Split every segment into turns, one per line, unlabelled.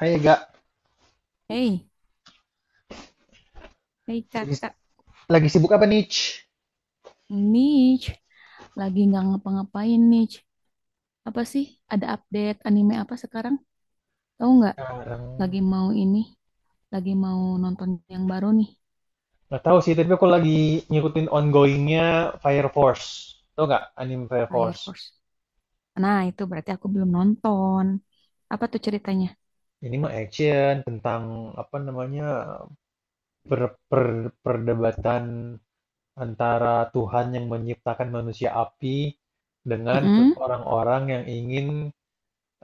Hai Ega,
Hei, hei
lagi,
kakak,
lagi sibuk apa nih? Ci?
Nich, lagi nggak ngapa-ngapain Nich. Apa sih? Ada update anime apa sekarang? Tahu nggak?
Sekarang
Lagi mau ini, lagi mau nonton yang baru nih,
nggak tahu sih, tapi aku lagi ngikutin ongoingnya Fire Force. Tau nggak anime Fire
Fire
Force?
Force. Nah, itu berarti aku belum nonton. Apa tuh ceritanya?
Ini mah action tentang apa namanya perdebatan antara Tuhan yang menciptakan manusia api dengan
Mm-mm.
orang-orang yang ingin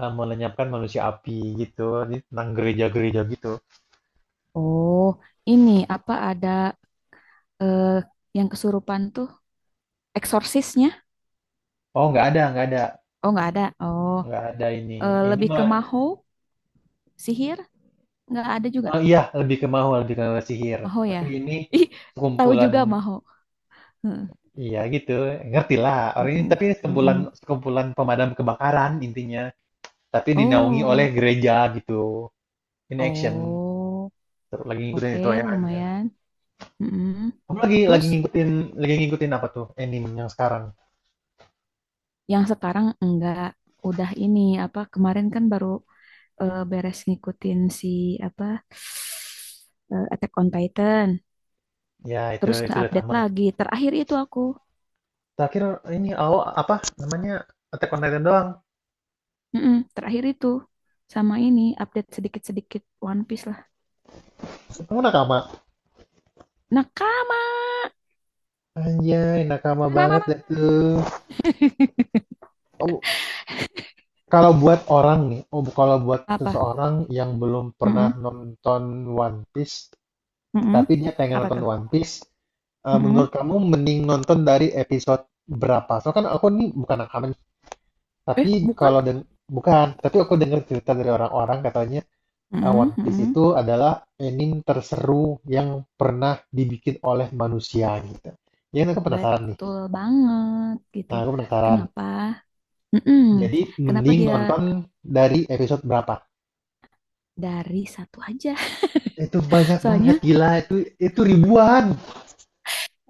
melenyapkan manusia api gitu. Jadi tentang gereja-gereja gitu.
Oh, ini apa ada eh, yang kesurupan tuh? Eksorsisnya?
Oh nggak ada, nggak ada.
Oh, nggak ada. Oh,
Nggak ada ini. Ini
lebih ke
mah
maho, sihir? Nggak ada juga.
Oh iya, lebih ke mahua, lebih ke sihir.
Maho ya?
Tapi ini
Ih, tahu
sekumpulan,
juga maho.
iya gitu, ngerti lah. Orang ini
Mm-mm,
tapi sekumpulan
mm-mm.
sekumpulan pemadam kebakaran intinya. Tapi dinaungi oleh
Oh,
gereja gitu. Ini action,
oh,
seru, lagi ngikutin
oke,
itu ya. Aja.
lumayan. Mm-mm.
Kamu lagi
Terus
lagi ngikutin apa tuh anime yang sekarang?
yang sekarang enggak udah ini apa kemarin kan baru beres ngikutin si apa Attack on Titan.
Ya itu
Terus
itu
nggak
udah
update
tamat.
lagi. Terakhir itu aku,
Terakhir ini awal apa namanya Attack on Titan doang.
mm-mm, terakhir itu sama ini update sedikit-sedikit One Piece lah.
Kamu nakama?
Nakama,
Anjay, nakama banget
Ananana.
dah tuh. Oh, kalau buat orang nih, oh kalau buat
Apa?
seseorang yang belum pernah
Mm-mm,
nonton One Piece,
mm-mm.
tapi dia pengen
Apa
nonton
tuh?
One Piece, menurut
Mm-mm.
kamu mending nonton dari episode berapa? Soalnya kan aku nih bukan rekaman, tapi
Eh, bukan?
kalau deng bukan, tapi aku dengar cerita dari orang-orang katanya
Mm-mm,
One Piece
mm-mm.
itu adalah anime terseru yang pernah dibikin oleh manusia gitu. Ya, kan aku penasaran nih.
Betul banget gitu.
Nah, aku penasaran.
Kenapa? Mm-mm.
Jadi,
Kenapa
mending
dia
nonton dari episode berapa?
dari satu aja?
Itu banyak banget,
Soalnya
gila. Itu ribuan.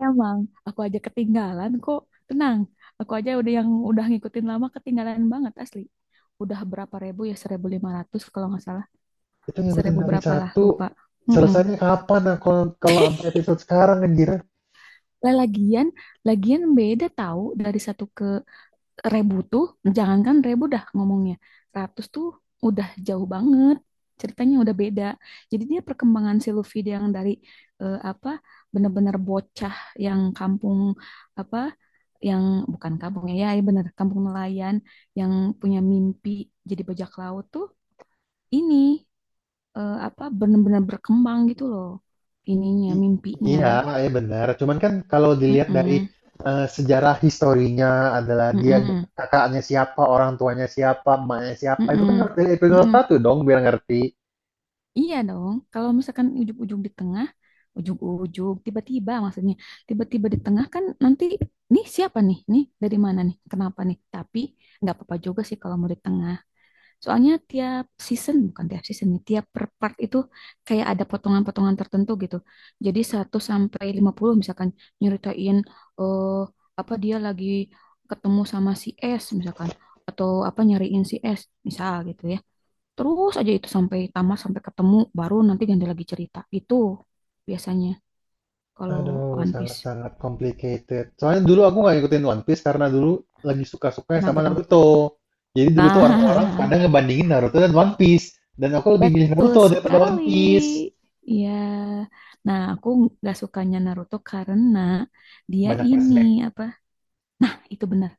emang aku aja ketinggalan kok. Tenang, aku aja udah yang udah ngikutin lama ketinggalan banget asli. Udah berapa ribu ya? 1.500 kalau nggak salah.
Itu ngikutin
Seribu
dari
berapa lah,
satu,
lupa. Mm-mm.
selesainya kapan? Nah, kalau kalau sampai episode sekarang anjir.
Lah, lagian, lagian beda tahu dari satu ke Rebu tuh, jangankan Rebu dah ngomongnya. Ratus tuh udah jauh banget. Ceritanya udah beda. Jadi dia perkembangan si Luffy dia yang dari apa bener-bener bocah yang kampung apa yang bukan kampung ya, ya bener kampung nelayan yang punya mimpi jadi bajak laut tuh ini apa bener-bener berkembang gitu loh ininya
I-
mimpinya.
iya, ya benar. Cuman kan kalau dilihat dari
Mm-mm,
sejarah historinya adalah dia
mm-mm,
kakaknya siapa, orang tuanya siapa, emaknya siapa, itu kan
mm-mm,
harus dari episode
mm-mm.
satu dong biar ngerti.
Iya dong, kalau misalkan ujung-ujung di tengah, ujung-ujung, tiba-tiba maksudnya, tiba-tiba di tengah kan nanti, nih siapa nih, nih dari mana nih, kenapa nih, tapi nggak apa-apa juga sih kalau mau di tengah. Soalnya tiap season, bukan tiap season nih, tiap per part itu kayak ada potongan-potongan tertentu gitu. Jadi 1 sampai 50 misalkan nyeritain, eh apa dia lagi ketemu sama si S misalkan, atau apa nyariin si S, misal gitu ya. Terus aja itu sampai tamat, sampai ketemu, baru nanti ganti lagi cerita. Itu biasanya kalau
Aduh,
One Piece.
sangat-sangat complicated. Soalnya dulu aku nggak ngikutin One Piece karena dulu lagi suka-sukanya sama
Kenapa tuh?
Naruto. Jadi dulu tuh orang-orang
Nah,
pada ngebandingin Naruto dan One Piece. Dan aku lebih milih
betul
Naruto daripada One
sekali.
Piece.
Iya. Nah, aku nggak sukanya Naruto karena dia
Banyak
ini
flashback.
apa? Nah, itu benar.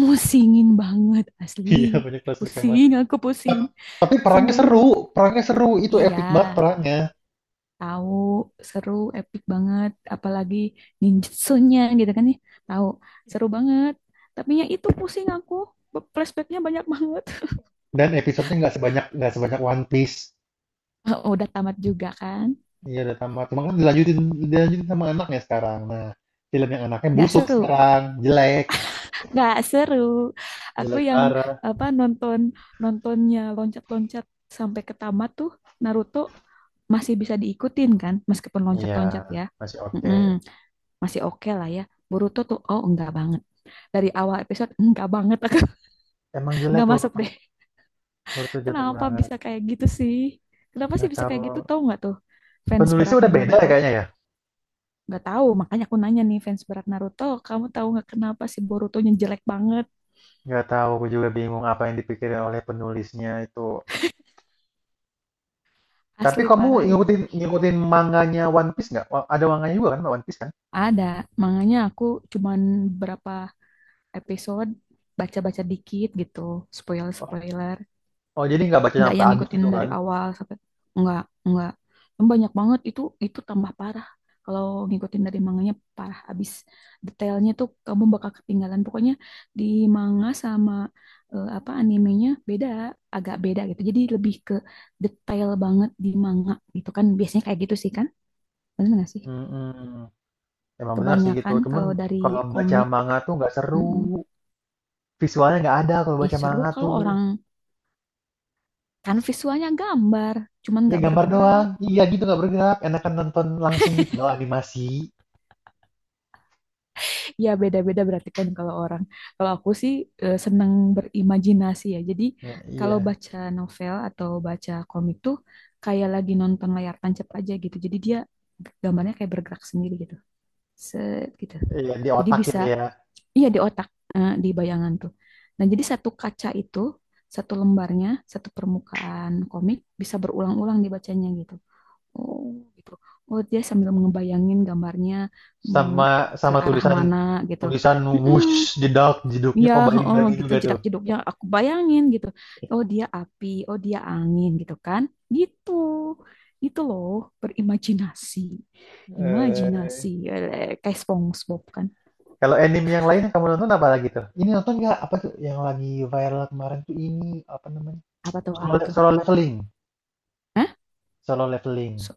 Musingin banget asli.
Iya, banyak flashback emang.
Pusing, aku pusing.
Ta- Tapi
Pusing
perangnya
banget.
seru, perangnya seru. Itu
Iya,
epic banget perangnya.
tahu seru epic banget apalagi ninjutsunya gitu kan ya. Tahu seru banget. Tapi ya itu pusing aku. Flashbacknya banyak banget.
Dan episodenya nggak sebanyak One Piece.
Oh, udah tamat juga kan.
Iya, udah tamat. Cuma kan dilanjutin dilanjutin sama anaknya sekarang. Nah, film yang anaknya
Nggak
busuk
seru.
sekarang, jelek,
Nggak seru. Aku
jelek
yang
parah.
apa nonton nontonnya loncat-loncat sampai ke tamat tuh Naruto masih bisa diikutin kan meskipun
Iya,
loncat-loncat ya.
masih oke.
Mm-mm, masih oke lah ya. Boruto tuh oh enggak banget. Dari awal episode enggak banget aku
Emang jelek
enggak masuk
Boruto,
deh.
Boruto jelek
Kenapa
banget.
bisa kayak gitu sih? Kenapa sih
Nggak
bisa
tahu
kayak gitu? Tahu nggak tuh fans
penulisnya
beratnya
udah beda ya
Naruto?
kayaknya ya.
Nggak tahu, makanya aku nanya nih fans berat Naruto, kamu tahu nggak kenapa sih Borutonya jelek banget?
Nggak tahu, aku juga bingung apa yang dipikirin oleh penulisnya itu. Tapi
Asli
kamu
parah itu.
ngikutin ngikutin manganya One Piece nggak? Ada manganya juga kan One Piece kan?
Ada, makanya aku cuman berapa episode baca-baca dikit gitu,
Oh,
spoiler-spoiler.
oh, jadi nggak baca
Nggak
sampai
yang
habis
ngikutin
gitu
dari
kan?
awal sampai nggak nggak. Yang banyak banget itu tambah parah kalau ngikutin dari manganya parah abis detailnya tuh kamu bakal ketinggalan pokoknya di manga sama apa animenya beda agak beda gitu jadi lebih ke detail banget di manga gitu kan biasanya kayak gitu sih kan bener nggak sih
Mm-mm. Emang benar sih gitu.
kebanyakan
Cuman
kalau dari
kalau baca
komik.
manga tuh nggak seru.
Mm-mm.
Visualnya nggak ada kalau
Ih
baca
seru
manga
kalau
tuh.
orang kan visualnya gambar cuman
Ya
nggak
gambar
bergerak.
doang. Iya gitu nggak bergerak. Enakan nonton langsung gitu loh animasi.
Ya beda-beda berarti kan kalau orang. Kalau aku sih seneng berimajinasi ya. Jadi
Nah,
kalau
iya,
baca novel atau baca komik tuh kayak lagi nonton layar tancap aja gitu. Jadi dia gambarnya kayak bergerak sendiri gitu. Set gitu.
iya di
Jadi
otak
bisa
gitu ya.
iya di otak, eh, di bayangan tuh. Nah, jadi satu kaca itu, satu lembarnya, satu permukaan komik bisa berulang-ulang dibacanya gitu. Oh, gitu. Oh, dia sambil ngebayangin gambarnya mau
Sama
ke
sama
arah
tulisan
mana gitu.
tulisan
mm
whoosh jedak jeduknya
Ya,
kok balik
oh
lagi
gitu
juga tuh
jedak-jeduknya aku bayangin gitu. Oh, dia api, oh dia angin gitu kan. Gitu. Gitu loh, berimajinasi. Imajinasi.
eh
Eh, kayak SpongeBob kan.
kalau anime yang lain yang kamu nonton apa lagi tuh ini nonton nggak apa tuh yang lagi viral kemarin tuh ini apa namanya
Apa tuh,
solo,
apa tuh?
Solo Leveling
Hah?
solo leveling
So-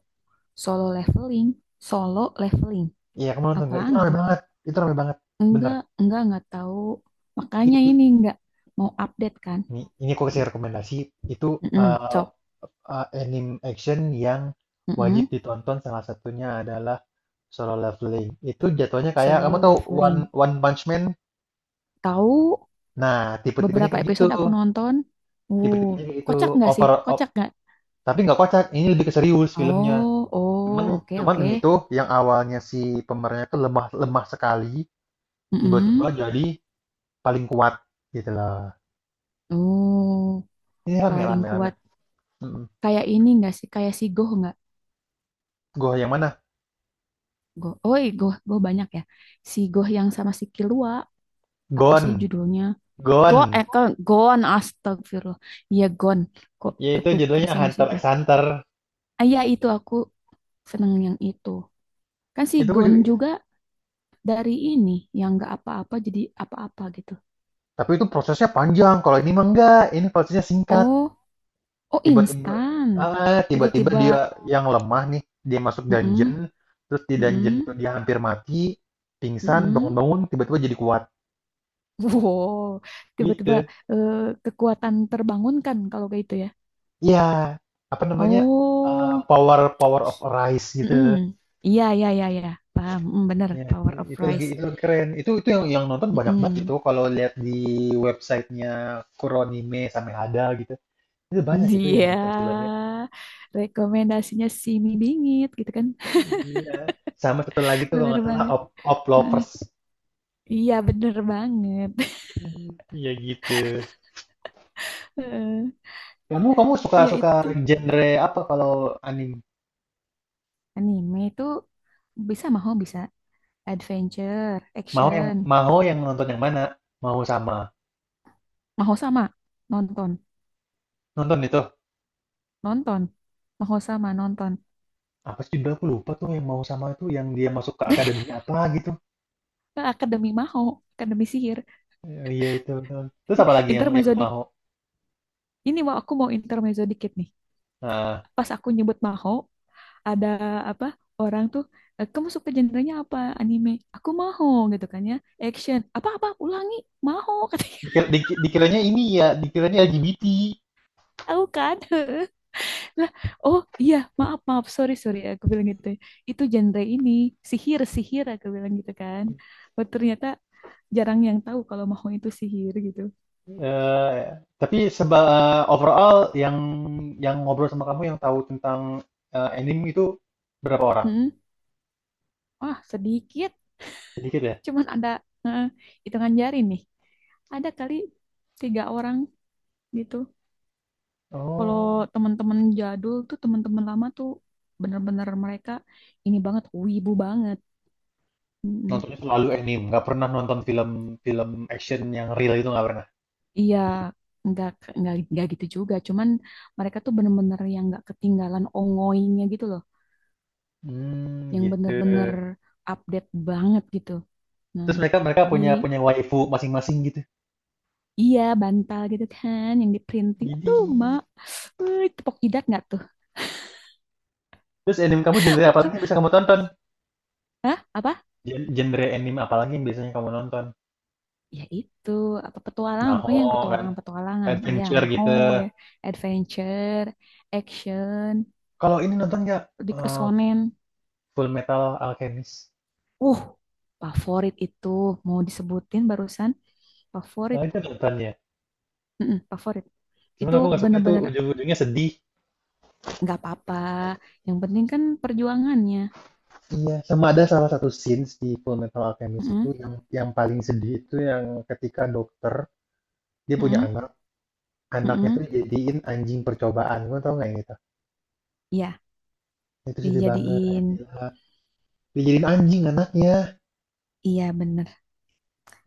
solo leveling, solo leveling.
iya kamu nonton nggak itu
Apaan
rame
tuh?
banget itu rame banget bener
Enggak tahu. Makanya
itu
ini enggak mau update kan.
ini aku kasih rekomendasi itu
Mm-mm,
eh,
Cok.
anime action yang wajib
Mm-mm.
ditonton salah satunya adalah Solo Leveling itu jatuhnya kayak kamu
Solo
tahu
Leveling.
One Punch Man.
Tahu
Nah, tipe-tipenya
beberapa
kayak gitu.
episode aku nonton. Uh,
Tipe-tipenya kayak
kocak
gitu.
nggak sih?
Over,
Kocak
op-
nggak?
tapi nggak kocak. Ini lebih ke serius filmnya.
Oh, oh,
Cuman,
oke,
cuman
oke.
ini tuh yang awalnya si pemerannya tuh lemah, lemah sekali,
Mm-mm.
tiba-tiba jadi paling kuat gitu loh.
Uh,
Ini rame,
paling
rame, rame.
kuat.
Mm.
Kayak ini nggak sih? Kayak si Goh nggak?
Gua yang mana?
Goh. Oh, iya, Goh, Goh banyak ya. Si Goh yang sama si Kilua. Apa sih
Gon,
judulnya?
Gon.
Gon, astagfirullah. Iya, Gon. Kok
Ya itu
ketuker
judulnya
sama si
Hunter x
Goh?
Hunter.
Ah, iya, itu aku seneng yang itu. Kan si
Itu gua
Gon
juga,
juga dari ini yang nggak apa-apa jadi apa-apa gitu.
tapi itu prosesnya panjang. Kalau ini mah enggak. Ini prosesnya singkat.
Oh, oh
tiba-tiba
instan.
tiba-tiba
Tiba-tiba,
dia yang lemah nih dia masuk
mm-mm,
dungeon terus di dungeon
mm-mm,
itu dia hampir mati pingsan
mm-mm.
bangun-bangun tiba-tiba jadi kuat
Wow, tiba-tiba
gitu
eh, kekuatan terbangunkan kalau kayak itu ya.
ya apa namanya
Oh,
power power of Arise
mm-mm.
gitu
Iya, iya, iya, iya. Paham, mm, bener.
ya itu,
Power of Rice.
itu lagi keren itu yang nonton banyak banget
Mm-mm.
itu kalau lihat di websitenya Kuronime sampai ada gitu itu banyak itu yang
Dia
nonton filmnya
rekomendasinya si mie bingit gitu kan.
iya sama satu lagi tuh kalau
Bener
nggak salah
banget.
Op
Heeh.
Oplovers.
Iya, bener banget.
Iya gitu.
Heeh.
Kamu kamu suka
Iya
suka
itu
genre apa kalau anime?
anime itu bisa maho bisa adventure, action,
Mau yang nonton yang mana? Mau sama.
maho sama nonton,
Nonton itu.
nonton, maho sama nonton.
Apa sih judulnya aku lupa tuh yang mau sama itu yang dia masuk ke akademi apa gitu.
Akademi maho, akademi sihir,
Eh, iya itu. Itu. Terus apa lagi yang
intermezzo dik-
mau?
ini mau aku mau intermezzo dikit nih.
Nah,
Pas aku nyebut maho, ada apa? Orang tuh, "Eh, kamu suka genrenya apa? Anime. Aku maho gitu kan ya. Action. Apa-apa? Ulangi. Maho katanya."
dikira, dikiranya ini ya, dikiranya LGBT.
Tahu kan? Lah, oh iya, maaf, maaf, sorry, sorry, aku bilang gitu ya. Itu genre ini, sihir, sihir, aku bilang gitu kan. Oh, ternyata jarang yang tahu kalau mau itu sihir gitu.
Eh, tapi seba overall yang ngobrol sama kamu yang tahu tentang anime itu berapa orang?
Hmm, wah, sedikit,
Sedikit ya?
cuman ada eh, hitungan jari nih. Ada kali tiga orang gitu. Kalau
Oh.
teman-teman jadul tuh, teman-teman lama tuh, bener-bener mereka ini banget, wibu banget. Mm-mm.
Nontonnya selalu anime, nggak pernah nonton film-film action yang real itu nggak pernah.
Iya, nggak nggak gitu juga. Cuman mereka tuh bener-bener yang nggak ketinggalan ongoingnya gitu loh,
Hmm,
yang
gitu.
bener-bener update banget gitu. Nah,
Terus mereka mereka
jadi
punya punya waifu masing-masing gitu.
iya bantal gitu kan, yang di printing.
Jadi,
Aduh, mak, wih, tepok jidat nggak tuh?
terus anime kamu genre apa lagi
Pokok-
yang bisa kamu tonton?
Hah? Apa?
Genre anime apa lagi yang biasanya kamu nonton?
Ya itu, apa petualangan? Pokoknya yang
Maho kan,
petualangan-petualangan. Iya,
adventure
maho
gitu.
ya, adventure, action,
Kalau ini nonton nggak.
di
Eh,
kesonen.
Full Metal Alchemist?
Uh, favorit itu mau disebutin barusan. Favorit,
Nah, itu nonton ya.
mm-mm, favorit.
Cuman
Itu
aku nggak suka itu
bener-bener
ujung-ujungnya sedih.
nggak apa-apa. Yang penting kan perjuangannya.
Iya, sama ada salah satu scenes di Full Metal Alchemist itu
Mm-mm,
yang paling sedih itu yang ketika dokter dia punya
mm-mm,
anak, anaknya
mm-mm.
tuh jadiin anjing percobaan. Lu tau nggak yang itu?
Iya,
Itu sedih banget,
dijadiin.
gila. Dijadiin anjing anaknya.
Iya bener.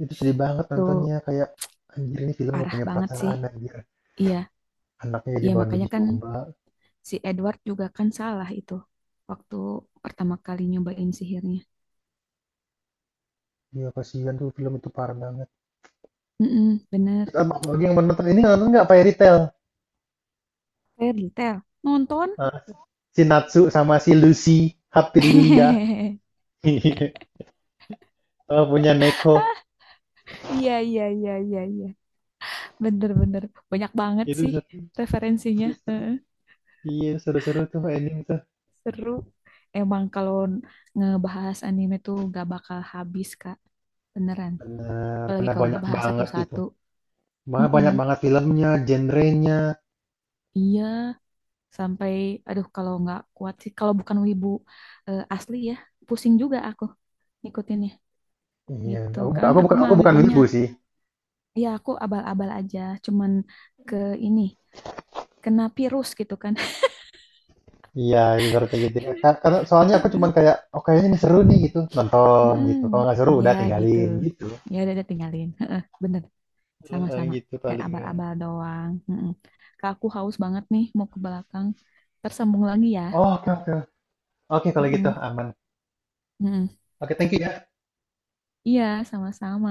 Itu sedih banget nontonnya.
Tuh
Kayak, anjir ini film gak
parah
punya
banget sih.
perasaan, anjir.
Iya,
Anaknya jadi
iya
bahan uji
makanya kan
coba.
si Edward juga kan salah itu. Waktu pertama kali nyobain sihirnya.
Iya, kasihan tuh film itu parah banget.
Mm-mm, bener.
Terus apa lagi yang menonton ini nonton nggak Fairy Tail?
Fairy Tail. Nonton.
Ah, si Natsu sama si Lucy, Haprilia. Oh, punya Neko.
Iya, iya, iya, iya, iya. Bener-bener. Banyak banget
Itu
sih
seru,
referensinya.
itu seru. Iya, seru-seru tuh ending tuh.
Seru. Emang kalau ngebahas anime tuh gak bakal habis, Kak. Beneran.
Benar
Apalagi
karena
kalau
banyak
dibahas
banget itu.
satu-satu.
Malah banyak
Mm-mm.
banget filmnya, genrenya.
Iya, sampai aduh kalau nggak kuat sih kalau bukan wibu asli ya, pusing juga aku ngikutinnya
Iya,
gitu. Kan aku mah
aku bukan
wibunya.
wibu sih.
Iya, aku abal-abal aja, cuman ke ini, kena virus gitu kan.
Iya, ibaratnya gitu. Ya. Karena soalnya aku cuman kayak, oh kayaknya ini seru nih gitu, nonton
mm
gitu. Kalau nggak seru
Ya
udah
gitu.
tinggalin gitu.
Ya udah, tinggalin. Bener.
Heeh,
Sama-sama.
gitu
Kayak
palingan.
abal-abal doang. Mm-mm. Kak, aku haus banget nih mau ke belakang. Tersambung lagi ya.
Oh, oke oke. Oke kalau gitu
Mm-mm.
aman.
Mm-mm.
Oke, thank you ya.
Iya, sama-sama.